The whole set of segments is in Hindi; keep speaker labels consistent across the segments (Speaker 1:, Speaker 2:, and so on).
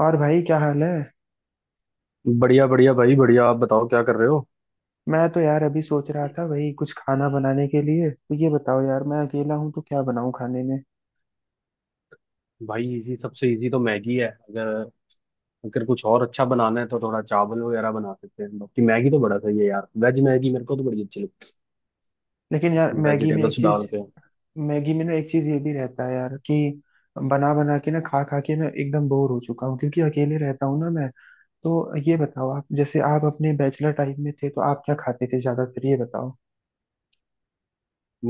Speaker 1: और भाई क्या हाल है?
Speaker 2: बढ़िया बढ़िया भाई बढ़िया। आप बताओ क्या कर रहे हो?
Speaker 1: मैं तो यार अभी सोच रहा था वही कुछ खाना बनाने के लिए। तो ये बताओ यार, मैं अकेला हूँ तो क्या बनाऊँ खाने में?
Speaker 2: भाई इजी, सबसे इजी तो मैगी है। अगर अगर कुछ और अच्छा बनाना है तो थोड़ा चावल वगैरह बना सकते हैं। बाकी मैगी तो बड़ा सही है यार, वेज मैगी मेरे को तो बड़ी अच्छी लगती
Speaker 1: लेकिन यार
Speaker 2: है, वेजिटेबल्स डाल के।
Speaker 1: मैगी में ना एक चीज ये भी रहता है यार कि बना बना के ना, खा खा के मैं एकदम बोर हो चुका हूँ, क्योंकि अकेले रहता हूँ ना मैं। तो ये बताओ, आप जैसे आप अपने बैचलर टाइम में थे तो आप क्या खाते थे ज्यादातर, ये बताओ।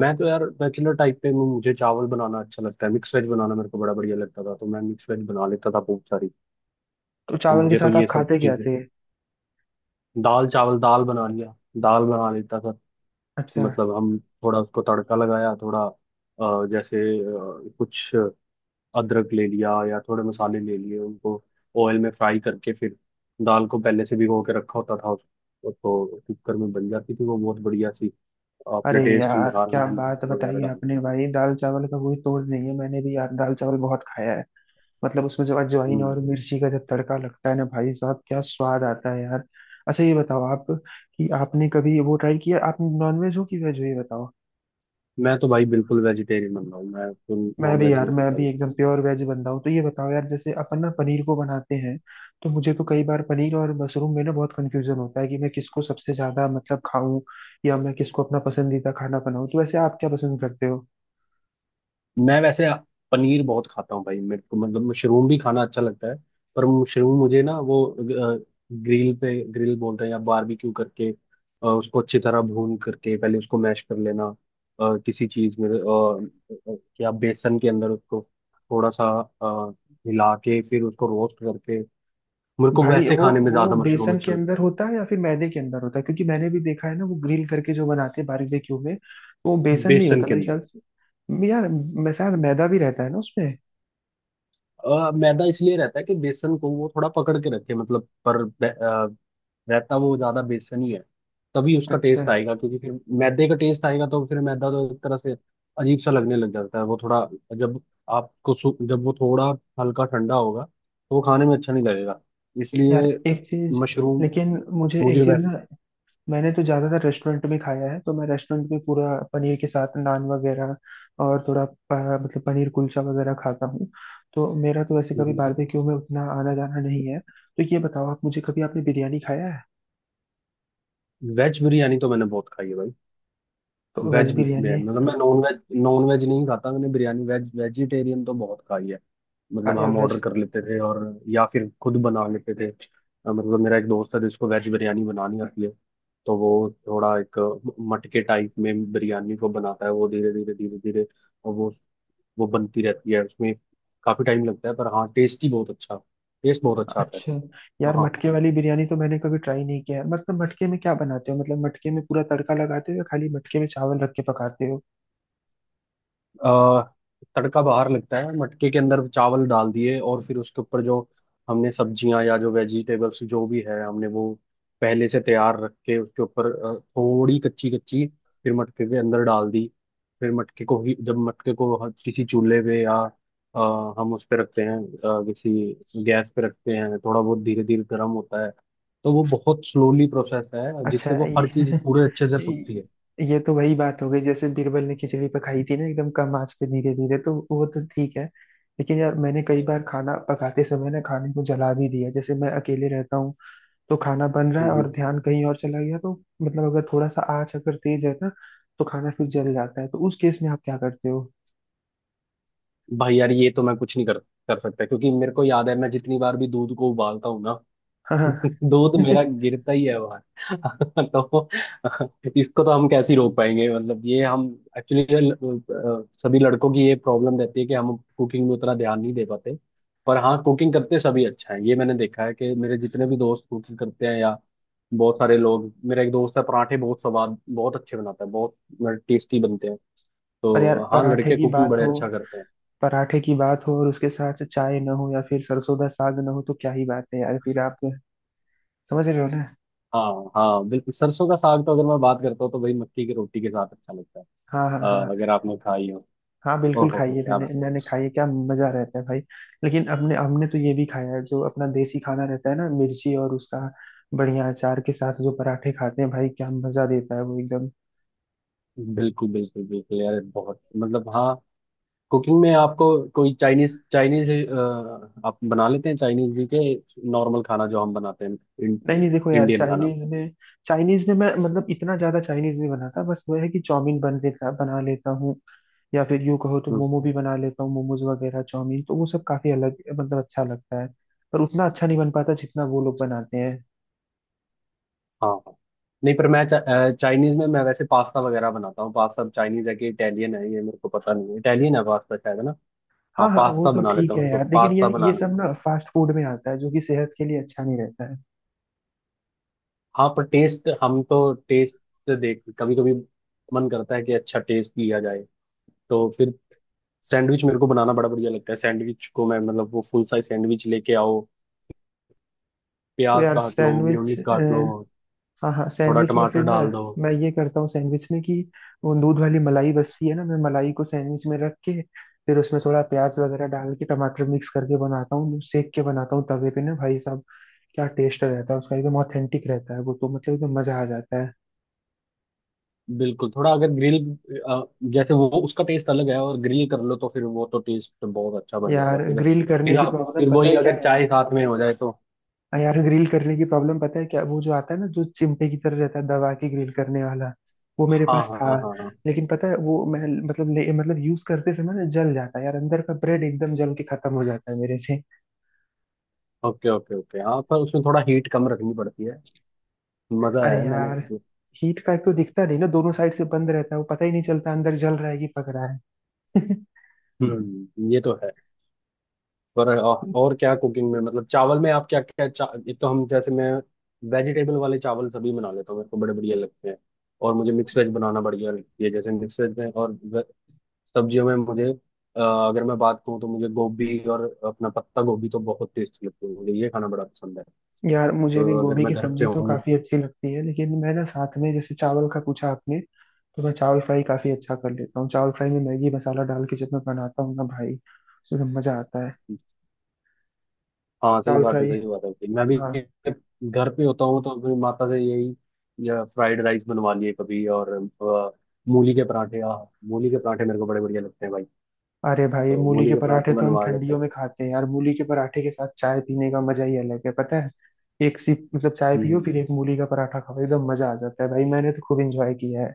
Speaker 2: मैं तो यार बैचलर टाइप पे हूँ, मुझे चावल बनाना अच्छा लगता है। मिक्स वेज बनाना मेरे को बड़ा बढ़िया लगता था, तो मैं मिक्स वेज बना लेता था बहुत सारी।
Speaker 1: तो
Speaker 2: तो
Speaker 1: चावल के
Speaker 2: मुझे तो
Speaker 1: साथ
Speaker 2: ये
Speaker 1: आप
Speaker 2: सब
Speaker 1: खाते क्या
Speaker 2: चीजें,
Speaker 1: थे?
Speaker 2: दाल चावल, दाल बना लिया, दाल बना लेता था।
Speaker 1: अच्छा।
Speaker 2: मतलब हम थोड़ा उसको तड़का लगाया, थोड़ा जैसे कुछ अदरक ले लिया या थोड़े मसाले ले लिए, उनको ऑयल में फ्राई करके, फिर दाल को पहले से भिगो के रखा होता था तो कुकर में बन जाती थी वो बहुत बढ़िया सी। अपने
Speaker 1: अरे
Speaker 2: टेस्ट
Speaker 1: यार
Speaker 2: अनुसार
Speaker 1: क्या
Speaker 2: हमने
Speaker 1: बात
Speaker 2: नमक वगैरह
Speaker 1: बताई
Speaker 2: डाल।
Speaker 1: आपने, भाई दाल चावल का कोई तोड़ नहीं है। मैंने भी यार दाल चावल बहुत खाया है। मतलब उसमें जब अजवाइन
Speaker 2: हम्म,
Speaker 1: और मिर्ची का जब तड़का लगता है ना भाई साहब, क्या स्वाद आता है यार। अच्छा, ये बताओ आप कि आपने कभी वो ट्राई किया, आप नॉनवेज हो कि वेज हो, ये बताओ।
Speaker 2: मैं तो भाई बिल्कुल वेजिटेरियन बन रहा हूँ, मैं तो
Speaker 1: मैं
Speaker 2: नॉन
Speaker 1: भी
Speaker 2: वेज
Speaker 1: यार,
Speaker 2: नहीं
Speaker 1: मैं
Speaker 2: खाता
Speaker 1: भी
Speaker 2: बिल्कुल।
Speaker 1: एकदम प्योर वेज बंदा हूँ। तो ये बताओ यार, जैसे अपन ना पनीर को बनाते हैं, तो मुझे तो कई बार पनीर और मशरूम में ना बहुत कंफ्यूजन होता है कि मैं किसको सबसे ज्यादा मतलब खाऊं, या मैं किसको अपना पसंदीदा खाना बनाऊं। तो वैसे आप क्या पसंद करते हो?
Speaker 2: मैं वैसे पनीर बहुत खाता हूँ भाई। मेरे को मतलब मशरूम भी खाना अच्छा लगता है, पर मशरूम मुझे ना वो ग्रिल पे, ग्रिल बोलते हैं, या बारबेक्यू करके उसको अच्छी तरह भून करके, पहले उसको मैश कर लेना किसी चीज में, या बेसन के अंदर उसको थोड़ा सा अ, मिला के फिर उसको रोस्ट करके, मेरे को
Speaker 1: भाई
Speaker 2: वैसे
Speaker 1: वो
Speaker 2: खाने में
Speaker 1: वो
Speaker 2: ज्यादा मशरूम
Speaker 1: बेसन के
Speaker 2: अच्छा लगता
Speaker 1: अंदर
Speaker 2: है।
Speaker 1: होता है या फिर मैदे के अंदर होता है, क्योंकि मैंने भी देखा है ना, वो ग्रिल करके जो बनाते हैं बारबेक्यू में, वो बेसन नहीं
Speaker 2: बेसन
Speaker 1: होता
Speaker 2: के
Speaker 1: मेरे
Speaker 2: अंदर।
Speaker 1: ख्याल से। यार मैं शायद मैदा भी रहता है ना उसमें।
Speaker 2: मैदा इसलिए रहता है कि बेसन को वो थोड़ा पकड़ के रखे, मतलब। पर रहता वो ज्यादा बेसन ही है, तभी उसका
Speaker 1: अच्छा।
Speaker 2: टेस्ट आएगा। क्योंकि फिर मैदे का टेस्ट आएगा तो फिर मैदा तो एक तरह से अजीब सा लगने लग जाता है वो थोड़ा, जब आपको जब वो थोड़ा हल्का ठंडा होगा तो वो खाने में अच्छा नहीं लगेगा,
Speaker 1: यार
Speaker 2: इसलिए।
Speaker 1: एक चीज
Speaker 2: मशरूम
Speaker 1: लेकिन मुझे एक
Speaker 2: मुझे
Speaker 1: चीज ना,
Speaker 2: वैसे,
Speaker 1: मैंने तो ज्यादातर रेस्टोरेंट में खाया है, तो मैं रेस्टोरेंट में पूरा पनीर के साथ नान वगैरह और थोड़ा मतलब पनीर कुलचा वगैरह खाता हूँ। तो मेरा तो वैसे कभी बारबेक्यू में उतना आना जाना नहीं है। तो ये बताओ आप, मुझे कभी, आपने बिरयानी खाया है?
Speaker 2: वेज बिरयानी तो मैंने बहुत खाई है भाई।
Speaker 1: तो वेज
Speaker 2: वेज भी है,
Speaker 1: बिरयानी।
Speaker 2: मतलब मैं नॉन वेज नहीं खाता। मैंने बिरयानी वेज, वेजिटेरियन तो बहुत खाई है।
Speaker 1: हाँ,
Speaker 2: मतलब
Speaker 1: या
Speaker 2: हम ऑर्डर
Speaker 1: वैसे।
Speaker 2: कर लेते थे, और या फिर खुद बना लेते थे। मतलब मेरा एक दोस्त है जिसको वेज बिरयानी बनानी आती है। तो वो थोड़ा एक मटके टाइप में बिरयानी को बनाता है वो, धीरे धीरे धीरे धीरे, और वो बनती रहती है उसमें। काफी टाइम लगता है पर हाँ टेस्ट ही बहुत अच्छा, टेस्ट बहुत अच्छा आता
Speaker 1: अच्छा यार,
Speaker 2: है।
Speaker 1: मटके वाली बिरयानी तो मैंने कभी ट्राई नहीं किया है। मतलब मटके में क्या बनाते हो, मतलब मटके में पूरा तड़का लगाते हो या खाली मटके में चावल रख के पकाते हो?
Speaker 2: अ, तड़का बाहर लगता है, मटके के अंदर चावल डाल दिए, और फिर उसके ऊपर जो हमने सब्जियां या जो वेजिटेबल्स जो भी है हमने वो पहले से तैयार रख के, उसके ऊपर थोड़ी कच्ची कच्ची, फिर मटके के अंदर डाल दी, फिर मटके को ही, जब मटके को किसी चूल्हे पे या अ, हम उस पे रखते हैं, किसी गैस पे रखते हैं, थोड़ा बहुत धीरे धीरे गर्म होता है। तो वो बहुत स्लोली प्रोसेस है
Speaker 1: अच्छा
Speaker 2: जिससे वो हर
Speaker 1: ये
Speaker 2: चीज पूरे अच्छे से पकती है।
Speaker 1: ये तो वही बात हो गई जैसे बीरबल ने खिचड़ी पकाई थी ना, एकदम कम आंच पे धीरे धीरे। तो वो तो ठीक है, लेकिन यार मैंने कई बार खाना पकाते समय ना खाने को जला भी दिया। जैसे मैं अकेले रहता हूँ, तो खाना बन रहा
Speaker 2: हम्म,
Speaker 1: है
Speaker 2: हम्म।
Speaker 1: और ध्यान कहीं और चला गया, तो मतलब अगर थोड़ा सा आंच अगर तेज है ना, तो खाना फिर जल जाता है। तो उस केस में आप क्या करते
Speaker 2: भाई यार ये तो मैं कुछ नहीं कर कर सकता, क्योंकि मेरे को याद है मैं जितनी बार भी दूध को उबालता हूँ ना
Speaker 1: हो?
Speaker 2: दूध मेरा गिरता ही है बाहर। तो इसको तो हम कैसे ही रोक पाएंगे? मतलब ये हम, एक्चुअली सभी लड़कों की ये प्रॉब्लम रहती है कि हम कुकिंग में उतना ध्यान नहीं दे पाते। पर हाँ, कुकिंग करते सभी अच्छा है, ये मैंने देखा है कि मेरे जितने भी दोस्त कुकिंग करते हैं, या बहुत सारे लोग। मेरा एक दोस्त है, पराठे बहुत स्वाद, बहुत अच्छे बनाता है, बहुत टेस्टी बनते हैं।
Speaker 1: पर यार,
Speaker 2: तो हाँ,
Speaker 1: पराठे
Speaker 2: लड़के
Speaker 1: की
Speaker 2: कुकिंग
Speaker 1: बात
Speaker 2: बड़े
Speaker 1: हो
Speaker 2: अच्छा करते हैं।
Speaker 1: पराठे की बात हो और उसके साथ चाय ना हो या फिर सरसों का साग ना हो, तो क्या ही बात है यार फिर। आप समझ रहे हो ना?
Speaker 2: हाँ हाँ बिल्कुल, सरसों का साग तो अगर मैं बात करता हूँ तो भाई मक्की की रोटी के साथ अच्छा लगता है,
Speaker 1: हाँ, हाँ, हाँ,
Speaker 2: अगर आपने खाई हो।
Speaker 1: हाँ, बिल्कुल,
Speaker 2: ओहो
Speaker 1: खाइए।
Speaker 2: क्या
Speaker 1: मैंने
Speaker 2: बात
Speaker 1: मैंने खाई है, क्या मजा रहता है भाई। लेकिन अपने, हमने तो ये भी खाया है जो अपना देसी खाना रहता है ना, मिर्ची और उसका बढ़िया अचार के साथ जो पराठे खाते हैं, भाई क्या मजा देता है वो, एकदम।
Speaker 2: है। बिल्कुल बिल्कुल बिल्कुल यार, बहुत, मतलब हाँ, कुकिंग में आपको कोई चाइनीज, चाइनीज आप बना लेते हैं? चाइनीज जी के नॉर्मल खाना जो हम बनाते हैं, इं,
Speaker 1: नहीं नहीं, देखो यार
Speaker 2: इंडियन खाना।
Speaker 1: चाइनीज में मैं, मतलब इतना ज्यादा चाइनीज नहीं बनाता, बस वो है कि चाउमीन बन लेता बना लेता हूँ। या फिर यूं कहो तो
Speaker 2: हम्म,
Speaker 1: मोमो भी बना लेता हूँ, मोमोज वगैरह, चाउमीन, तो वो सब काफी अलग मतलब अच्छा लगता है, पर उतना अच्छा नहीं बन पाता जितना वो लोग बनाते हैं।
Speaker 2: हाँ हाँ। नहीं पर मैं चाइनीज में, मैं वैसे पास्ता वगैरह बनाता हूँ। पास्ता चाइनीज है कि इटालियन है, ये मेरे को पता नहीं है। इटालियन है पास्ता, शायद, है ना?
Speaker 1: हाँ
Speaker 2: हाँ
Speaker 1: हाँ वो
Speaker 2: पास्ता
Speaker 1: तो
Speaker 2: बना लेता
Speaker 1: ठीक
Speaker 2: हूँ,
Speaker 1: है
Speaker 2: मेरे को
Speaker 1: यार, लेकिन ये
Speaker 2: पास्ता
Speaker 1: ये
Speaker 2: बनाना,
Speaker 1: सब ना फास्ट फूड में आता है, जो कि सेहत के लिए अच्छा नहीं रहता है।
Speaker 2: हाँ पर टेस्ट, हम तो टेस्ट देख कभी कभी मन करता है कि अच्छा टेस्ट लिया जाए, तो फिर सैंडविच मेरे को बनाना बड़ा बढ़िया लगता है। सैंडविच को मैं मतलब वो फुल साइज सैंडविच लेके आओ,
Speaker 1: तो
Speaker 2: प्याज
Speaker 1: यार
Speaker 2: काट लो,
Speaker 1: सैंडविच,
Speaker 2: मेयोनीज काट लो,
Speaker 1: हाँ हाँ,
Speaker 2: थोड़ा
Speaker 1: सैंडविच में फिर
Speaker 2: टमाटर
Speaker 1: ना,
Speaker 2: डाल दो।
Speaker 1: मैं ये करता हूँ सैंडविच में कि वो दूध वाली मलाई बस्ती है ना, मैं मलाई को सैंडविच में रख के फिर उसमें थोड़ा प्याज वगैरह डाल के टमाटर मिक्स करके बनाता हूँ, सेक के बनाता हूँ तवे पे ना भाई साहब, क्या टेस्ट रहता है उसका, एकदम ऑथेंटिक रहता है वो, तो मतलब एकदम मजा आ जाता है।
Speaker 2: बिल्कुल, थोड़ा अगर ग्रिल, जैसे वो उसका टेस्ट अलग है, और ग्रिल कर लो तो फिर वो तो टेस्ट बहुत अच्छा बन जाता है
Speaker 1: यार
Speaker 2: फिर।
Speaker 1: ग्रिल करने
Speaker 2: फिर
Speaker 1: की
Speaker 2: आप
Speaker 1: प्रॉब्लम
Speaker 2: फिर
Speaker 1: पता
Speaker 2: वही
Speaker 1: है क्या?
Speaker 2: अगर चाय साथ में हो जाए तो,
Speaker 1: हाँ, यार ग्रिल करने की प्रॉब्लम पता है क्या? वो जो आता है ना, जो चिमटे की तरह रहता है, दबा के ग्रिल करने वाला, वो मेरे
Speaker 2: हाँ
Speaker 1: पास
Speaker 2: हाँ
Speaker 1: था।
Speaker 2: हाँ हाँ हाँ।
Speaker 1: लेकिन पता है, वो मैं मतलब यूज करते समय ना जल जाता है यार, अंदर का ब्रेड एकदम जल के खत्म हो जाता है मेरे से।
Speaker 2: ओके ओके ओके, हाँ पर उसमें थोड़ा हीट कम रखनी पड़ती है। मजा
Speaker 1: अरे
Speaker 2: है मैंने।
Speaker 1: यार, हीट का एक तो दिखता नहीं ना, दोनों साइड से बंद रहता है, वो पता ही नहीं चलता अंदर जल रहा है कि पक रहा है।
Speaker 2: हम्म, ये तो है। पर और क्या कुकिंग में, मतलब चावल में आप क्या क्या एक तो हम, जैसे मैं वेजिटेबल वाले चावल सभी बना लेता हूँ, मेरे को बड़े बढ़िया लगते हैं। और मुझे मिक्स वेज बनाना बढ़िया लगती है, जैसे मिक्स वेज में और सब्जियों में मुझे, अ, अगर मैं बात करूँ तो मुझे गोभी और अपना पत्ता गोभी तो बहुत टेस्टी लगती है, मुझे ये खाना बड़ा पसंद है।
Speaker 1: यार मुझे भी
Speaker 2: तो अगर
Speaker 1: गोभी
Speaker 2: मैं
Speaker 1: की
Speaker 2: घर पे
Speaker 1: सब्जी तो
Speaker 2: हूँ,
Speaker 1: काफी अच्छी लगती है, लेकिन मैं ना, साथ में जैसे चावल का पूछा आपने, तो मैं चावल फ्राई काफी अच्छा कर लेता हूँ। चावल फ्राई में मैगी मसाला डाल के जब मैं बनाता हूँ ना भाई, एकदम मजा आता है।
Speaker 2: हाँ सही
Speaker 1: चावल
Speaker 2: बात है,
Speaker 1: फ्राई।
Speaker 2: सही बात है भाई। मैं भी
Speaker 1: हाँ।
Speaker 2: घर पे होता हूँ तो अपनी माता से यही, या फ्राइड राइस बनवा लिए कभी, और अ, मूली के पराठे आ मूली के पराठे मेरे को बड़े बढ़िया लगते हैं भाई।
Speaker 1: अरे भाई,
Speaker 2: तो
Speaker 1: मूली
Speaker 2: मूली
Speaker 1: के
Speaker 2: के
Speaker 1: पराठे
Speaker 2: पराठे
Speaker 1: तो हम
Speaker 2: बनवा लेते
Speaker 1: ठंडियों
Speaker 2: हैं।
Speaker 1: में खाते हैं यार। मूली के पराठे के साथ चाय पीने का मजा ही अलग है, पता है। एक सिप मतलब चाय पियो,
Speaker 2: हम्म।
Speaker 1: फिर एक मूली का पराठा खाओ, एकदम मजा आ जाता है भाई, मैंने तो खूब इंजॉय किया है।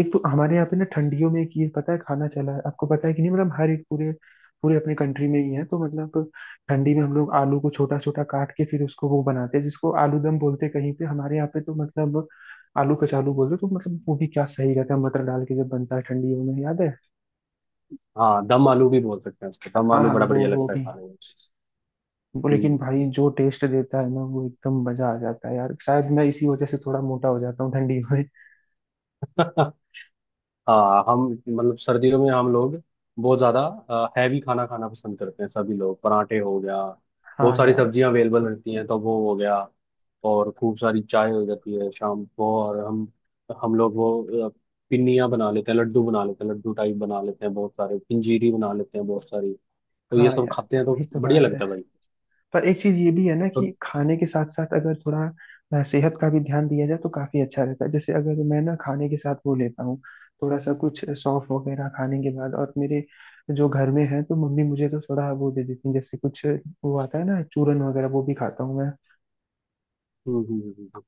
Speaker 1: एक तो हमारे यहाँ पे ना ठंडियों में एक ये पता है खाना चला है, आपको पता है कि नहीं? मतलब हर एक, पूरे पूरे अपने कंट्री में ही है। तो मतलब ठंडी में हम लोग आलू को छोटा छोटा काट के फिर उसको वो बनाते हैं जिसको आलू दम बोलते हैं, कहीं पे, हमारे यहाँ पे तो मतलब आलू कचालू बोलते हैं। तो मतलब वो भी क्या सही रहता है, मटर डाल के जब बनता है ठंडियों में, याद है।
Speaker 2: हाँ दम आलू भी बोल सकते हैं उसको, दम
Speaker 1: हाँ
Speaker 2: आलू
Speaker 1: हाँ,
Speaker 2: बड़ा
Speaker 1: वो
Speaker 2: बढ़िया
Speaker 1: वो
Speaker 2: लगता है
Speaker 1: भी,
Speaker 2: खाने में।
Speaker 1: वो, लेकिन
Speaker 2: हम्म।
Speaker 1: भाई जो टेस्ट देता है ना वो, एकदम मजा आ जाता है यार, शायद मैं इसी वजह से थोड़ा मोटा हो जाता हूँ ठंडी में।
Speaker 2: हाँ हम, मतलब सर्दियों में हम लोग बहुत ज्यादा हैवी खाना खाना पसंद करते हैं सभी लोग। पराठे हो गया, बहुत
Speaker 1: हाँ
Speaker 2: सारी
Speaker 1: यार,
Speaker 2: सब्जियां अवेलेबल रहती हैं तो वो हो गया, और खूब सारी चाय हो जाती है शाम को, और हम लोग वो पिन्नियाँ बना लेते हैं, लड्डू बना लेते हैं, लड्डू टाइप बना लेते हैं बहुत सारे, पंजीरी बना लेते हैं बहुत सारी, तो ये
Speaker 1: हाँ
Speaker 2: सब
Speaker 1: यार,
Speaker 2: खाते हैं
Speaker 1: वही
Speaker 2: तो
Speaker 1: तो
Speaker 2: बढ़िया
Speaker 1: बात है।
Speaker 2: लगता है भाई।
Speaker 1: पर एक चीज ये भी है ना
Speaker 2: तो
Speaker 1: कि खाने के साथ साथ अगर थोड़ा सेहत का भी ध्यान दिया जाए, तो काफी अच्छा रहता है। जैसे अगर मैं ना खाने के साथ वो लेता हूँ, थोड़ा सा कुछ सौंफ वगैरह खाने के बाद, और मेरे जो घर में है तो मम्मी मुझे तो थोड़ा वो दे देती है, जैसे कुछ वो आता है ना चूरन वगैरह, वो भी खाता हूँ मैं।
Speaker 2: हम्म, हम्म, हम्म, हम्म।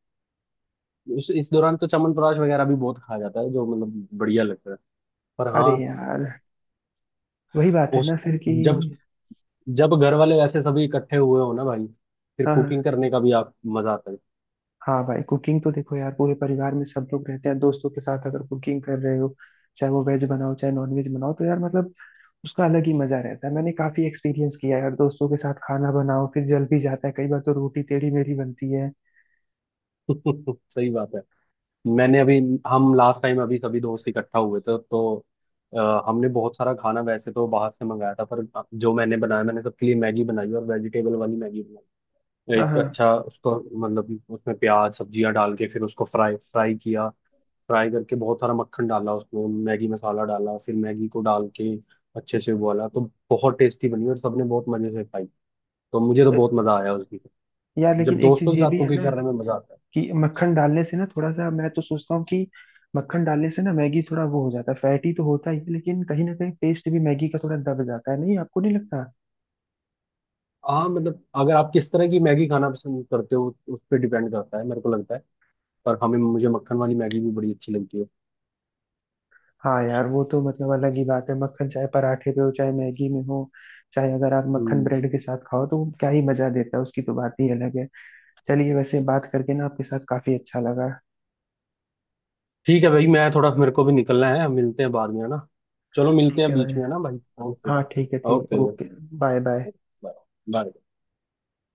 Speaker 2: उस इस दौरान तो च्यवनप्राश वगैरह भी बहुत खाया जाता है, जो मतलब बढ़िया लगता है। पर हाँ,
Speaker 1: अरे यार, वही बात है
Speaker 2: उस,
Speaker 1: ना फिर कि,
Speaker 2: जब, जब घर वाले वैसे सभी इकट्ठे हुए हो ना भाई, फिर
Speaker 1: हाँ
Speaker 2: कुकिंग
Speaker 1: हाँ।
Speaker 2: करने का भी आप मजा आता है।
Speaker 1: हाँ भाई, कुकिंग तो देखो यार, पूरे परिवार में सब लोग रहते हैं, दोस्तों के साथ अगर कुकिंग कर रहे हो, चाहे वो वेज बनाओ चाहे नॉन वेज बनाओ, तो यार मतलब उसका अलग ही मजा रहता है। मैंने काफी एक्सपीरियंस किया है यार, दोस्तों के साथ खाना बनाओ, फिर जल भी जाता है कई बार, तो रोटी टेढ़ी मेढ़ी बनती है।
Speaker 2: सही बात है। मैंने अभी, हम लास्ट टाइम अभी सभी दोस्त इकट्ठा हुए थे, तो हमने बहुत सारा खाना वैसे तो बाहर से मंगाया था, पर जो मैंने बनाया, मैंने सबके लिए मैगी बनाई, और वेजिटेबल वाली मैगी बनाई।
Speaker 1: हाँ
Speaker 2: एक
Speaker 1: हाँ।
Speaker 2: अच्छा उसको, मतलब उसमें प्याज सब्जियां डाल के फिर उसको फ्राई फ्राई किया, फ्राई करके बहुत सारा मक्खन डाला, उसमें मैगी मसाला डाला, फिर मैगी को डाल के अच्छे से उबाला, तो बहुत टेस्टी बनी और सबने बहुत मजे से खाई। तो मुझे तो
Speaker 1: तो
Speaker 2: बहुत मजा आया उसकी,
Speaker 1: यार,
Speaker 2: जब
Speaker 1: लेकिन एक चीज
Speaker 2: दोस्तों के
Speaker 1: ये
Speaker 2: साथ
Speaker 1: भी है ना
Speaker 2: कुकिंग करने में मजा आता है।
Speaker 1: कि मक्खन डालने से ना थोड़ा सा, मैं तो सोचता हूँ कि मक्खन डालने से ना मैगी थोड़ा वो हो जाता है, फैटी तो होता ही है, लेकिन कहीं ना कहीं टेस्ट भी मैगी का थोड़ा दब जाता है, नहीं? आपको नहीं लगता?
Speaker 2: हाँ, मतलब अगर आप किस तरह की मैगी खाना पसंद करते हो उस पर डिपेंड करता है मेरे को लगता है। पर हमें, मुझे मक्खन वाली मैगी भी बड़ी अच्छी लगती है।
Speaker 1: हाँ यार, वो तो मतलब अलग ही बात है, मक्खन चाहे पराठे पे हो, चाहे मैगी में हो, चाहे अगर आप मक्खन
Speaker 2: हम्म।
Speaker 1: ब्रेड के साथ खाओ, तो क्या ही मजा देता है, उसकी तो बात ही अलग है। चलिए, वैसे बात करके ना आपके साथ काफी अच्छा लगा।
Speaker 2: ठीक है भाई, मैं थोड़ा, मेरे को भी निकलना है, मिलते हैं बाद में, है ना? चलो मिलते
Speaker 1: ठीक
Speaker 2: हैं
Speaker 1: है भाई।
Speaker 2: बीच में, है ना भाई? ओके।
Speaker 1: हाँ ठीक है, ठीक,
Speaker 2: okay.
Speaker 1: Okay. Bye bye.
Speaker 2: Bye bye.